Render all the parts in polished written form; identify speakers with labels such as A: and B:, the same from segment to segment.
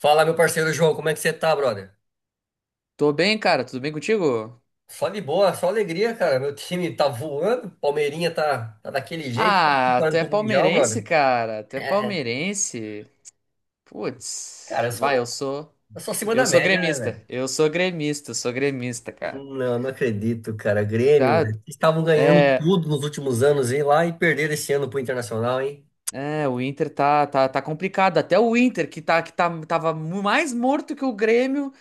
A: Fala, meu parceiro João, como é que você tá, brother?
B: Tô bem, cara. Tudo bem contigo?
A: Só de boa, só alegria, cara. Meu time tá voando, Palmeirinha tá daquele jeito, tá
B: Ah, tu
A: preparando
B: é
A: pro Mundial,
B: palmeirense,
A: brother.
B: cara. Tu é
A: É,
B: palmeirense.
A: cara,
B: Putz.
A: eu
B: Vai, eu
A: sou,
B: sou.
A: eu sou acima
B: Eu
A: da
B: sou
A: média, né,
B: gremista.
A: velho?
B: Eu sou gremista, cara.
A: Não, acredito, cara. Grêmio,
B: Tá?
A: velho. Vocês estavam ganhando
B: É.
A: tudo nos últimos anos, hein, lá, e perderam esse ano pro Internacional, hein?
B: É, o Inter tá complicado. Até o Inter, que tá, tava mais morto que o Grêmio,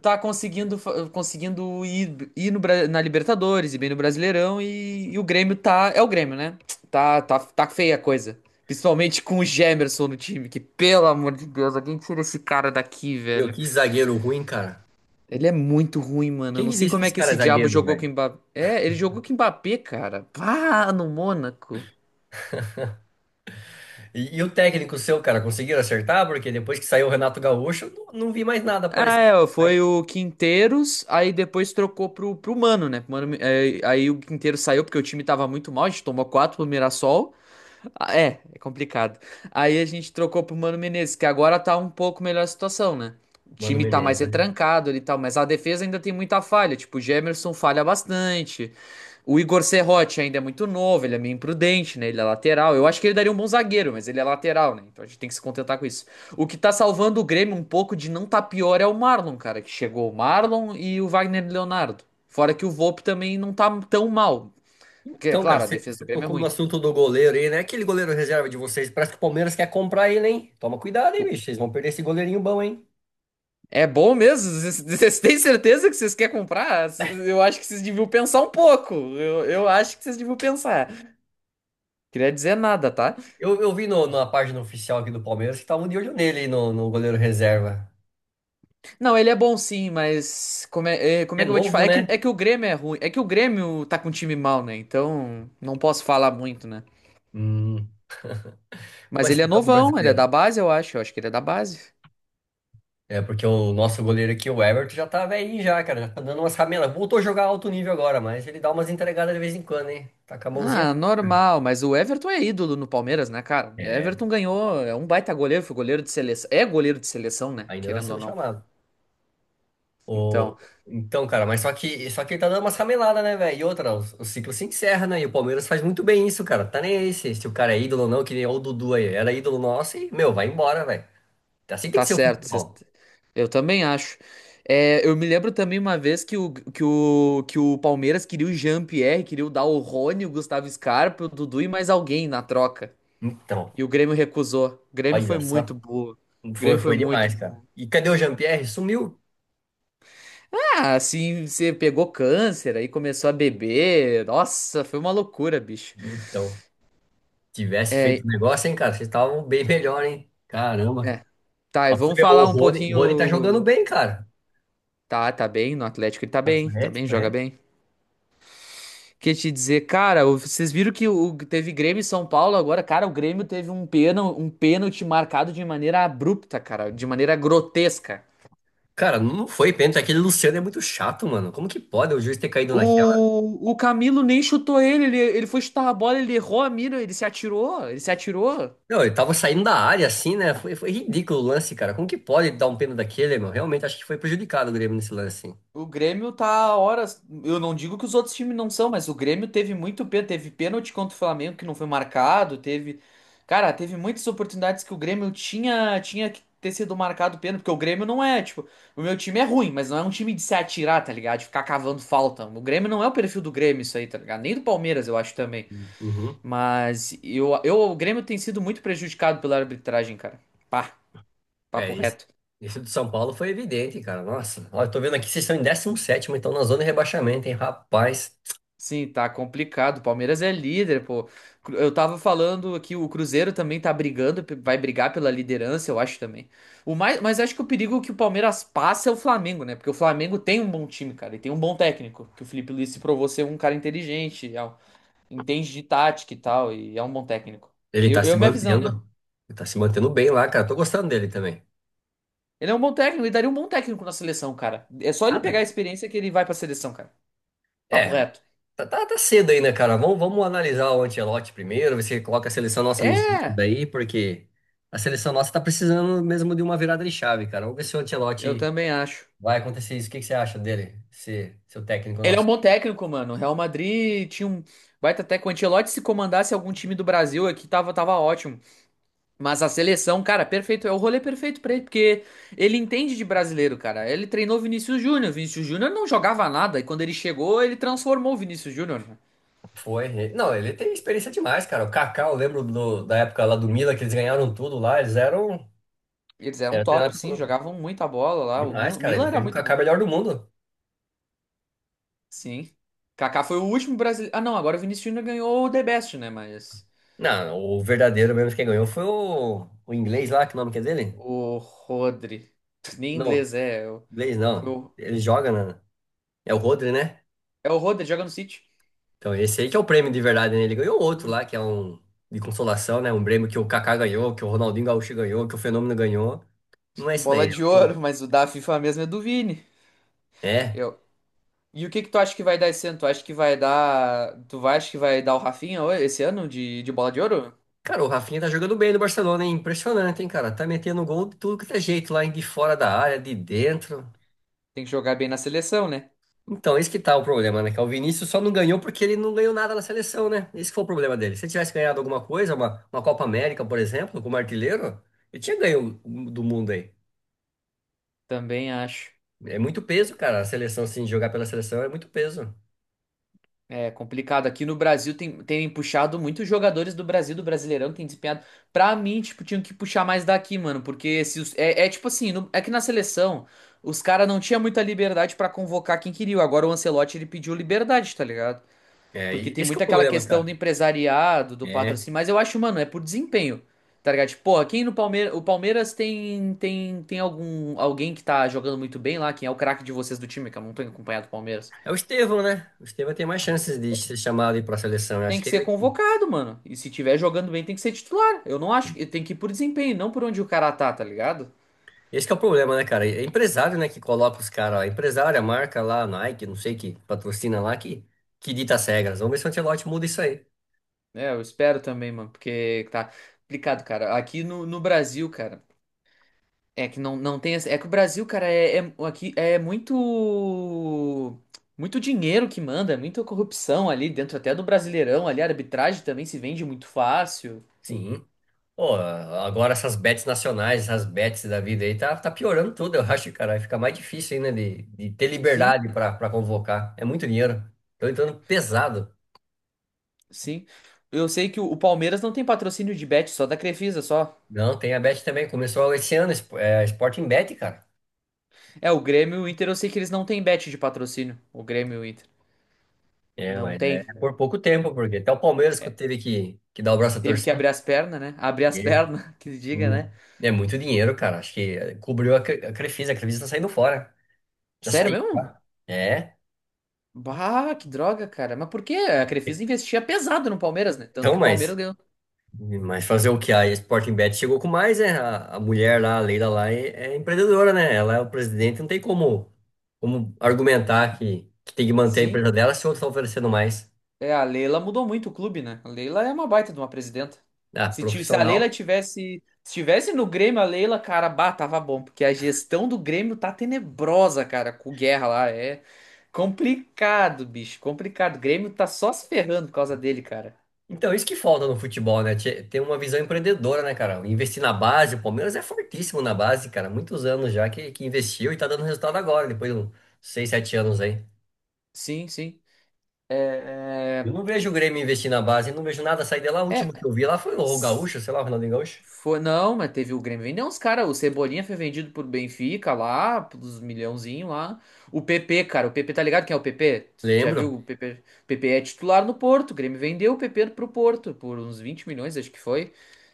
B: tá conseguindo, conseguindo ir no, Bra- na Libertadores e bem no Brasileirão. E o Grêmio tá. É o Grêmio, né? Tá feia a coisa. Principalmente com o Gemerson no time, que pelo amor de Deus, alguém tira esse cara daqui,
A: Meu,
B: velho.
A: que zagueiro ruim, cara.
B: Ele é muito ruim, mano. Eu
A: Quem
B: não
A: que
B: sei
A: disse que
B: como é
A: esse
B: que
A: cara é
B: esse diabo
A: zagueiro,
B: jogou
A: velho?
B: com o Mbappé. É, ele jogou com o Mbappé, cara. Pá, no Mônaco.
A: E o técnico seu, cara, conseguiram acertar? Porque depois que saiu o Renato Gaúcho, eu não vi mais nada
B: Ah,
A: aparecer.
B: é, ó, foi o Quinteiros, aí depois trocou pro Mano, né? Mano, é, aí o Quinteiros saiu porque o time tava muito mal, a gente tomou quatro pro Mirassol. Ah, é, é complicado. Aí a gente trocou pro Mano Menezes, que agora tá um pouco melhor a situação, né? O
A: Mano
B: time tá
A: Menezes,
B: mais
A: né?
B: retrancado ali e tal, mas a defesa ainda tem muita falha. Tipo, o Jamerson falha bastante. O Igor Serrote ainda é muito novo, ele é meio imprudente, né? Ele é lateral. Eu acho que ele daria um bom zagueiro, mas ele é lateral, né? Então a gente tem que se contentar com isso. O que tá salvando o Grêmio um pouco de não tá pior é o Marlon, cara, que chegou o Marlon e o Wagner Leonardo. Fora que o Volpe também não tá tão mal. Que, é
A: Então, cara,
B: claro, a
A: você
B: defesa do
A: você
B: Grêmio é
A: tocou no
B: ruim.
A: assunto do goleiro aí, né? Aquele goleiro reserva de vocês, parece que o Palmeiras quer comprar ele, hein? Toma cuidado, hein, bicho? Vocês vão perder esse goleirinho bom, hein?
B: É bom mesmo? Vocês vocês têm certeza que vocês querem comprar? Eu acho que vocês deviam pensar um pouco. Eu acho que vocês deviam pensar. Queria dizer nada, tá?
A: Eu vi no, na página oficial aqui do Palmeiras que estavam de olho nele, no goleiro reserva.
B: Não, ele é bom sim, mas como como
A: É
B: é que eu vou te
A: novo,
B: falar? É
A: né?
B: que o Grêmio é ruim. É que o Grêmio tá com um time mal, né? Então não posso falar muito, né?
A: Hum, como é
B: Mas ele é
A: esse tal do
B: novão, ele é da
A: brasileiro?
B: base, eu acho. Eu acho que ele é da base.
A: É, porque o nosso goleiro aqui, o Everton, já tá velhinho já, cara. Já tá dando umas ramelas. Voltou a jogar alto nível agora, mas ele dá umas entregadas de vez em quando, hein? Tá com a mãozinha.
B: Ah, normal, mas o Everton é ídolo no Palmeiras, né, cara? E
A: É,
B: Everton ganhou, é um baita goleiro, foi goleiro de seleção. É goleiro de seleção, né?
A: ainda tá
B: Querendo ou
A: sendo
B: não.
A: chamado. O...
B: Então.
A: Então, cara, mas só que ele tá dando umas rameladas, né, velho? E outra, o ciclo se encerra, né? E o Palmeiras faz muito bem isso, cara. Tá nem aí se o cara é ídolo ou não, que nem o Dudu aí. Era ídolo nosso e, meu, vai embora, velho. Assim tem
B: Tá
A: que ser o
B: certo,
A: futebol.
B: eu também acho. É, eu me lembro também uma vez que o Palmeiras queria o Jean-Pierre, queria dar o Rony, o Gustavo Scarpa, o Dudu e mais alguém na troca.
A: Então,
B: E o Grêmio recusou. O Grêmio foi
A: olha só.
B: muito burro. O
A: Foi,
B: Grêmio foi
A: foi
B: muito
A: demais, cara.
B: burro.
A: E cadê o Jean-Pierre? Sumiu.
B: Ah, assim, você pegou câncer, aí começou a beber. Nossa, foi uma loucura, bicho.
A: Então, tivesse feito
B: É,
A: o negócio, hein, cara? Vocês estavam bem melhor, hein? Caramba.
B: é. Tá, e
A: Ó, pra você
B: vamos
A: ver, o
B: falar um
A: Rony, o Rony tá jogando
B: pouquinho.
A: bem, cara.
B: Tá bem, no Atlético ele tá bem,
A: Atlético,
B: joga
A: é.
B: bem. Que te dizer, cara, vocês viram teve Grêmio e São Paulo agora, cara, o Grêmio teve um pênalti marcado de maneira abrupta, cara, de maneira grotesca.
A: Cara, não foi pênalti. Aquele Luciano é muito chato, mano. Como que pode o juiz ter caído naquela?
B: O Camilo nem chutou ele, ele foi chutar a bola, ele errou a mira, ele se atirou, ele se atirou.
A: Não, ele tava saindo da área assim, né? Foi, foi ridículo o lance, cara. Como que pode dar um pênalti daquele, meu? Realmente acho que foi prejudicado o Grêmio nesse lance, hein?
B: O Grêmio tá horas. Eu não digo que os outros times não são, mas o Grêmio teve muito pênalti. Teve pênalti contra o Flamengo que não foi marcado. Teve. Cara, teve muitas oportunidades que o Grêmio tinha que ter sido marcado pênalti, porque o Grêmio não é, tipo, o meu time é ruim, mas não é um time de se atirar, tá ligado? De ficar cavando falta. O Grêmio não é o perfil do Grêmio, isso aí, tá ligado? Nem do Palmeiras, eu acho também.
A: Uhum.
B: Mas o Grêmio tem sido muito prejudicado pela arbitragem, cara. Pá,
A: É,
B: papo
A: esse,
B: reto.
A: esse do São Paulo foi evidente, cara. Nossa, ó, eu tô vendo aqui, vocês estão em décimo sétimo então na zona de rebaixamento, hein? Rapaz,
B: Sim, tá complicado. O Palmeiras é líder, pô. Eu tava falando aqui, o Cruzeiro também tá brigando, vai brigar pela liderança, eu acho também. Mas acho que o perigo que o Palmeiras passa é o Flamengo, né? Porque o Flamengo tem um bom time, cara, e tem um bom técnico, que o Felipe Luiz se provou ser um cara inteligente, entende de tática e tal, e é um bom técnico.
A: ele tá se
B: Minha visão, né?
A: mantendo. Ele tá se mantendo bem lá, cara. Tô gostando dele também.
B: Ele é um bom técnico e daria um bom técnico na seleção, cara. É só ele pegar a
A: Nada.
B: experiência que ele vai pra seleção, cara. Papo
A: É,
B: reto.
A: tá cedo ainda, cara. Vamos analisar o Ancelotti primeiro, ver se ele coloca a seleção nossa nos vídeos
B: É,
A: daí, porque a seleção nossa tá precisando mesmo de uma virada de chave, cara. Vamos ver se o
B: eu
A: Ancelotti
B: também acho.
A: vai acontecer isso. O que que você acha dele? Se, seu técnico
B: Ele é um
A: nosso.
B: bom técnico, mano. O Real Madrid tinha um baita técnico. O Ancelotti, se comandasse algum time do Brasil aqui, tava ótimo. Mas a seleção, cara, perfeito. É o rolê perfeito pra ele, porque ele entende de brasileiro, cara. Ele treinou Vinícius Júnior. Vinícius Júnior não jogava nada. E quando ele chegou, ele transformou o Vinícius Júnior, né?
A: Foi. Não, ele tem experiência demais, cara. O Kaká, eu lembro da época lá do Mila, que eles ganharam tudo lá. Eles eram.
B: Eles eram
A: Era
B: top, sim. Jogavam muita bola lá. O
A: demais,
B: Milan,
A: cara. Ele
B: Milan era
A: fez o
B: muito
A: Kaká
B: bom.
A: melhor do mundo.
B: Sim. Kaká foi o último brasileiro. Ah, não. Agora o Vinícius Júnior ganhou o The Best, né? Mas...
A: Não, o verdadeiro mesmo quem ganhou foi o inglês lá, que nome que é dele?
B: O Rodri. Nem
A: Não,
B: inglês, é. Eu...
A: inglês
B: Foi
A: não.
B: o
A: Ele joga na. É o Rodri, né?
B: É o Roder, joga no City.
A: Então esse aí que é o prêmio de verdade, né? Ele ganhou outro
B: Hum,
A: lá, que é um de consolação, né? Um prêmio que o Kaká ganhou, que o Ronaldinho Gaúcho ganhou, que o Fenômeno ganhou. Não é esse
B: Bola
A: daí. É o
B: de
A: que
B: Ouro, mas o da FIFA mesmo é do Vini.
A: é.
B: Eu. E o que que tu acha que vai dar esse ano? Acha que vai dar o Rafinha esse ano de Bola de Ouro?
A: Cara, o Rafinha tá jogando bem no Barcelona, hein? Impressionante, hein, cara? Tá metendo gol de tudo que é jeito lá, de fora da área, de dentro.
B: Tem que jogar bem na seleção, né?
A: Então, esse que tá o problema, né? Que é o Vinícius só não ganhou porque ele não ganhou nada na seleção, né? Esse que foi o problema dele. Se ele tivesse ganhado alguma coisa, uma Copa América, por exemplo, como artilheiro, ele tinha ganho do mundo aí.
B: Também acho.
A: É muito peso, cara. A seleção, assim, jogar pela seleção é muito peso.
B: É complicado. Aqui no Brasil tem puxado muitos jogadores do Brasil, do Brasileirão, tem desempenhado. Pra mim, tipo, tinham que puxar mais daqui, mano. Porque se os- é, é tipo assim, é que na seleção os caras não tinham muita liberdade pra convocar quem queria. Agora o Ancelotti ele pediu liberdade, tá ligado?
A: É,
B: Porque
A: e
B: tem
A: esse que é
B: muito
A: o
B: aquela
A: problema,
B: questão do
A: cara.
B: empresariado, do
A: É,
B: patrocínio, mas eu acho, mano, é por desempenho. Tá ligado? Tipo, porra, quem no Palmeiras. O Palmeiras tem alguém que tá jogando muito bem lá, quem é o craque de vocês do time, que eu não tenho acompanhado o Palmeiras.
A: é o Estevão, né? O Estevão tem mais chances de ser chamado aí pra seleção. Eu
B: Tem
A: acho
B: que
A: que é
B: ser
A: ele que.
B: convocado, mano. E se tiver jogando bem, tem que ser titular. Eu não acho. Tem que ir por desempenho, não por onde o cara tá, tá ligado?
A: Esse que é o problema, né, cara? É empresário, né, que coloca os caras, ó. Empresário, a marca lá, Nike, não sei que patrocina lá, que dita as regras. Vamos ver se o Ancelotti muda isso aí.
B: É, eu espero também, mano, porque tá complicado, cara. Aqui no Brasil, cara. É que não, não tem. É que o Brasil, cara, aqui é muito. Muito dinheiro que manda, é muita corrupção ali dentro até do Brasileirão ali. A arbitragem também se vende muito fácil.
A: Sim. Pô, agora essas bets nacionais, essas bets da vida aí, tá piorando tudo, eu acho, cara. Fica mais difícil ainda de ter
B: Sim,
A: liberdade pra convocar. É muito dinheiro. Tô entrando pesado.
B: sim. Eu sei que o Palmeiras não tem patrocínio de bet, só da Crefisa, só.
A: Não, tem a bet também. Começou esse ano, Sporting Bet, cara.
B: É, o Grêmio e o Inter, eu sei que eles não têm bet de patrocínio. O Grêmio e o Inter.
A: É,
B: Não
A: mas é
B: tem.
A: por pouco tempo, porque até o Palmeiras que
B: É,
A: teve que dar o braço a
B: teve que
A: torcer.
B: abrir as pernas, né? Abrir as pernas, que se diga,
A: Hum,
B: né?
A: É muito dinheiro, cara. Acho que cobriu a a Crefisa. A Crefisa tá saindo fora. Já
B: Sério
A: saiu,
B: mesmo?
A: tá? É.
B: Bah, que droga, cara. Mas por quê? A Crefisa investia pesado no Palmeiras, né? Tanto
A: Então,
B: que o Palmeiras
A: mas,
B: ganhou.
A: mas fazer o que a Sporting Bet chegou com mais, é a mulher lá, a Leila lá, é empreendedora, né? Ela é o presidente, não tem como, como argumentar que tem que manter a
B: Sim.
A: empresa dela se outros estão oferecendo mais.
B: É, a Leila mudou muito o clube, né? A Leila é uma baita de uma presidenta.
A: Ah, profissional.
B: Se tivesse no Grêmio, a Leila, cara, bah, tava bom, porque a gestão do Grêmio tá tenebrosa, cara, com o Guerra lá, é complicado, bicho, complicado. O Grêmio tá só se ferrando por causa dele, cara.
A: Então, isso que falta no futebol, né? Ter uma visão empreendedora, né, cara? Investir na base, o Palmeiras é fortíssimo na base, cara. Muitos anos já que investiu e tá dando resultado agora, depois de uns 6, 7 anos aí.
B: Sim, sim.
A: Eu
B: É,
A: não vejo o Grêmio investir na base, não vejo nada sair de lá. O
B: é, é,
A: último que eu vi lá foi o Gaúcho, sei lá, o Ronaldinho Gaúcho.
B: foi, não, mas teve o Grêmio vendeu uns caras. O Cebolinha foi vendido por Benfica lá, pelos milhãozinho lá. O PP, cara, o PP tá ligado quem é o PP? Tu já viu
A: Lembro.
B: o PP? O PP é titular no Porto. O Grêmio vendeu o PP pro Porto por uns 20 milhões, acho que foi.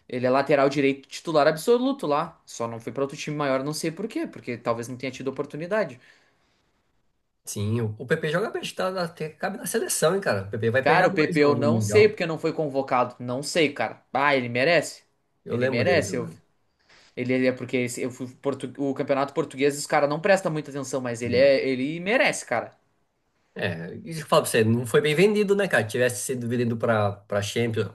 B: Ele é lateral direito titular absoluto lá. Só não foi pra outro time maior, não sei por quê, porque talvez não tenha tido oportunidade.
A: Sim, o PP joga bem, tá, até cabe na seleção, hein, cara? O PP vai
B: Cara,
A: pegar
B: o
A: mais
B: PP eu
A: no
B: não sei
A: Mundial.
B: porque não foi convocado. Não sei, cara. Ah, ele merece.
A: Eu
B: Ele
A: lembro dele
B: merece.
A: jogando.
B: Ele é porque o campeonato português os caras não prestam muita atenção, mas
A: Não.
B: ele merece, cara.
A: É, isso que eu falo pra você, não foi bem vendido, né, cara? Tivesse sido vendido pra Champions,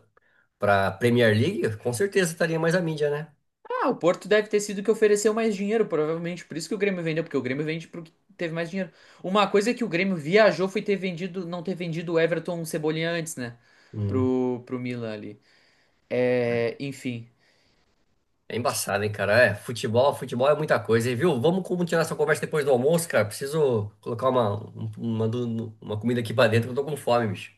A: pra Premier League, com certeza estaria mais a mídia, né?
B: Ah, o Porto deve ter sido o que ofereceu mais dinheiro, provavelmente. Por isso que o Grêmio vendeu, porque o Grêmio vende porque teve mais dinheiro. Uma coisa é que o Grêmio viajou foi ter vendido, não ter vendido o Everton Cebolinha antes, né?
A: Hum,
B: Pro Milan ali. É, enfim.
A: é embaçado, hein, cara? É, futebol, futebol é muita coisa, hein, viu? Vamos continuar essa conversa depois do almoço, cara. Preciso colocar uma, um- uma, do- uma comida aqui pra dentro, que eu tô com fome, bicho.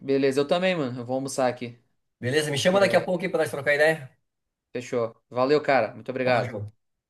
B: Beleza, eu também, mano. Eu vou almoçar aqui.
A: Beleza? Me chama daqui a
B: É,
A: pouco aí pra nós trocar ideia.
B: fechou. Valeu, cara. Muito
A: Falou,
B: obrigado.
A: João.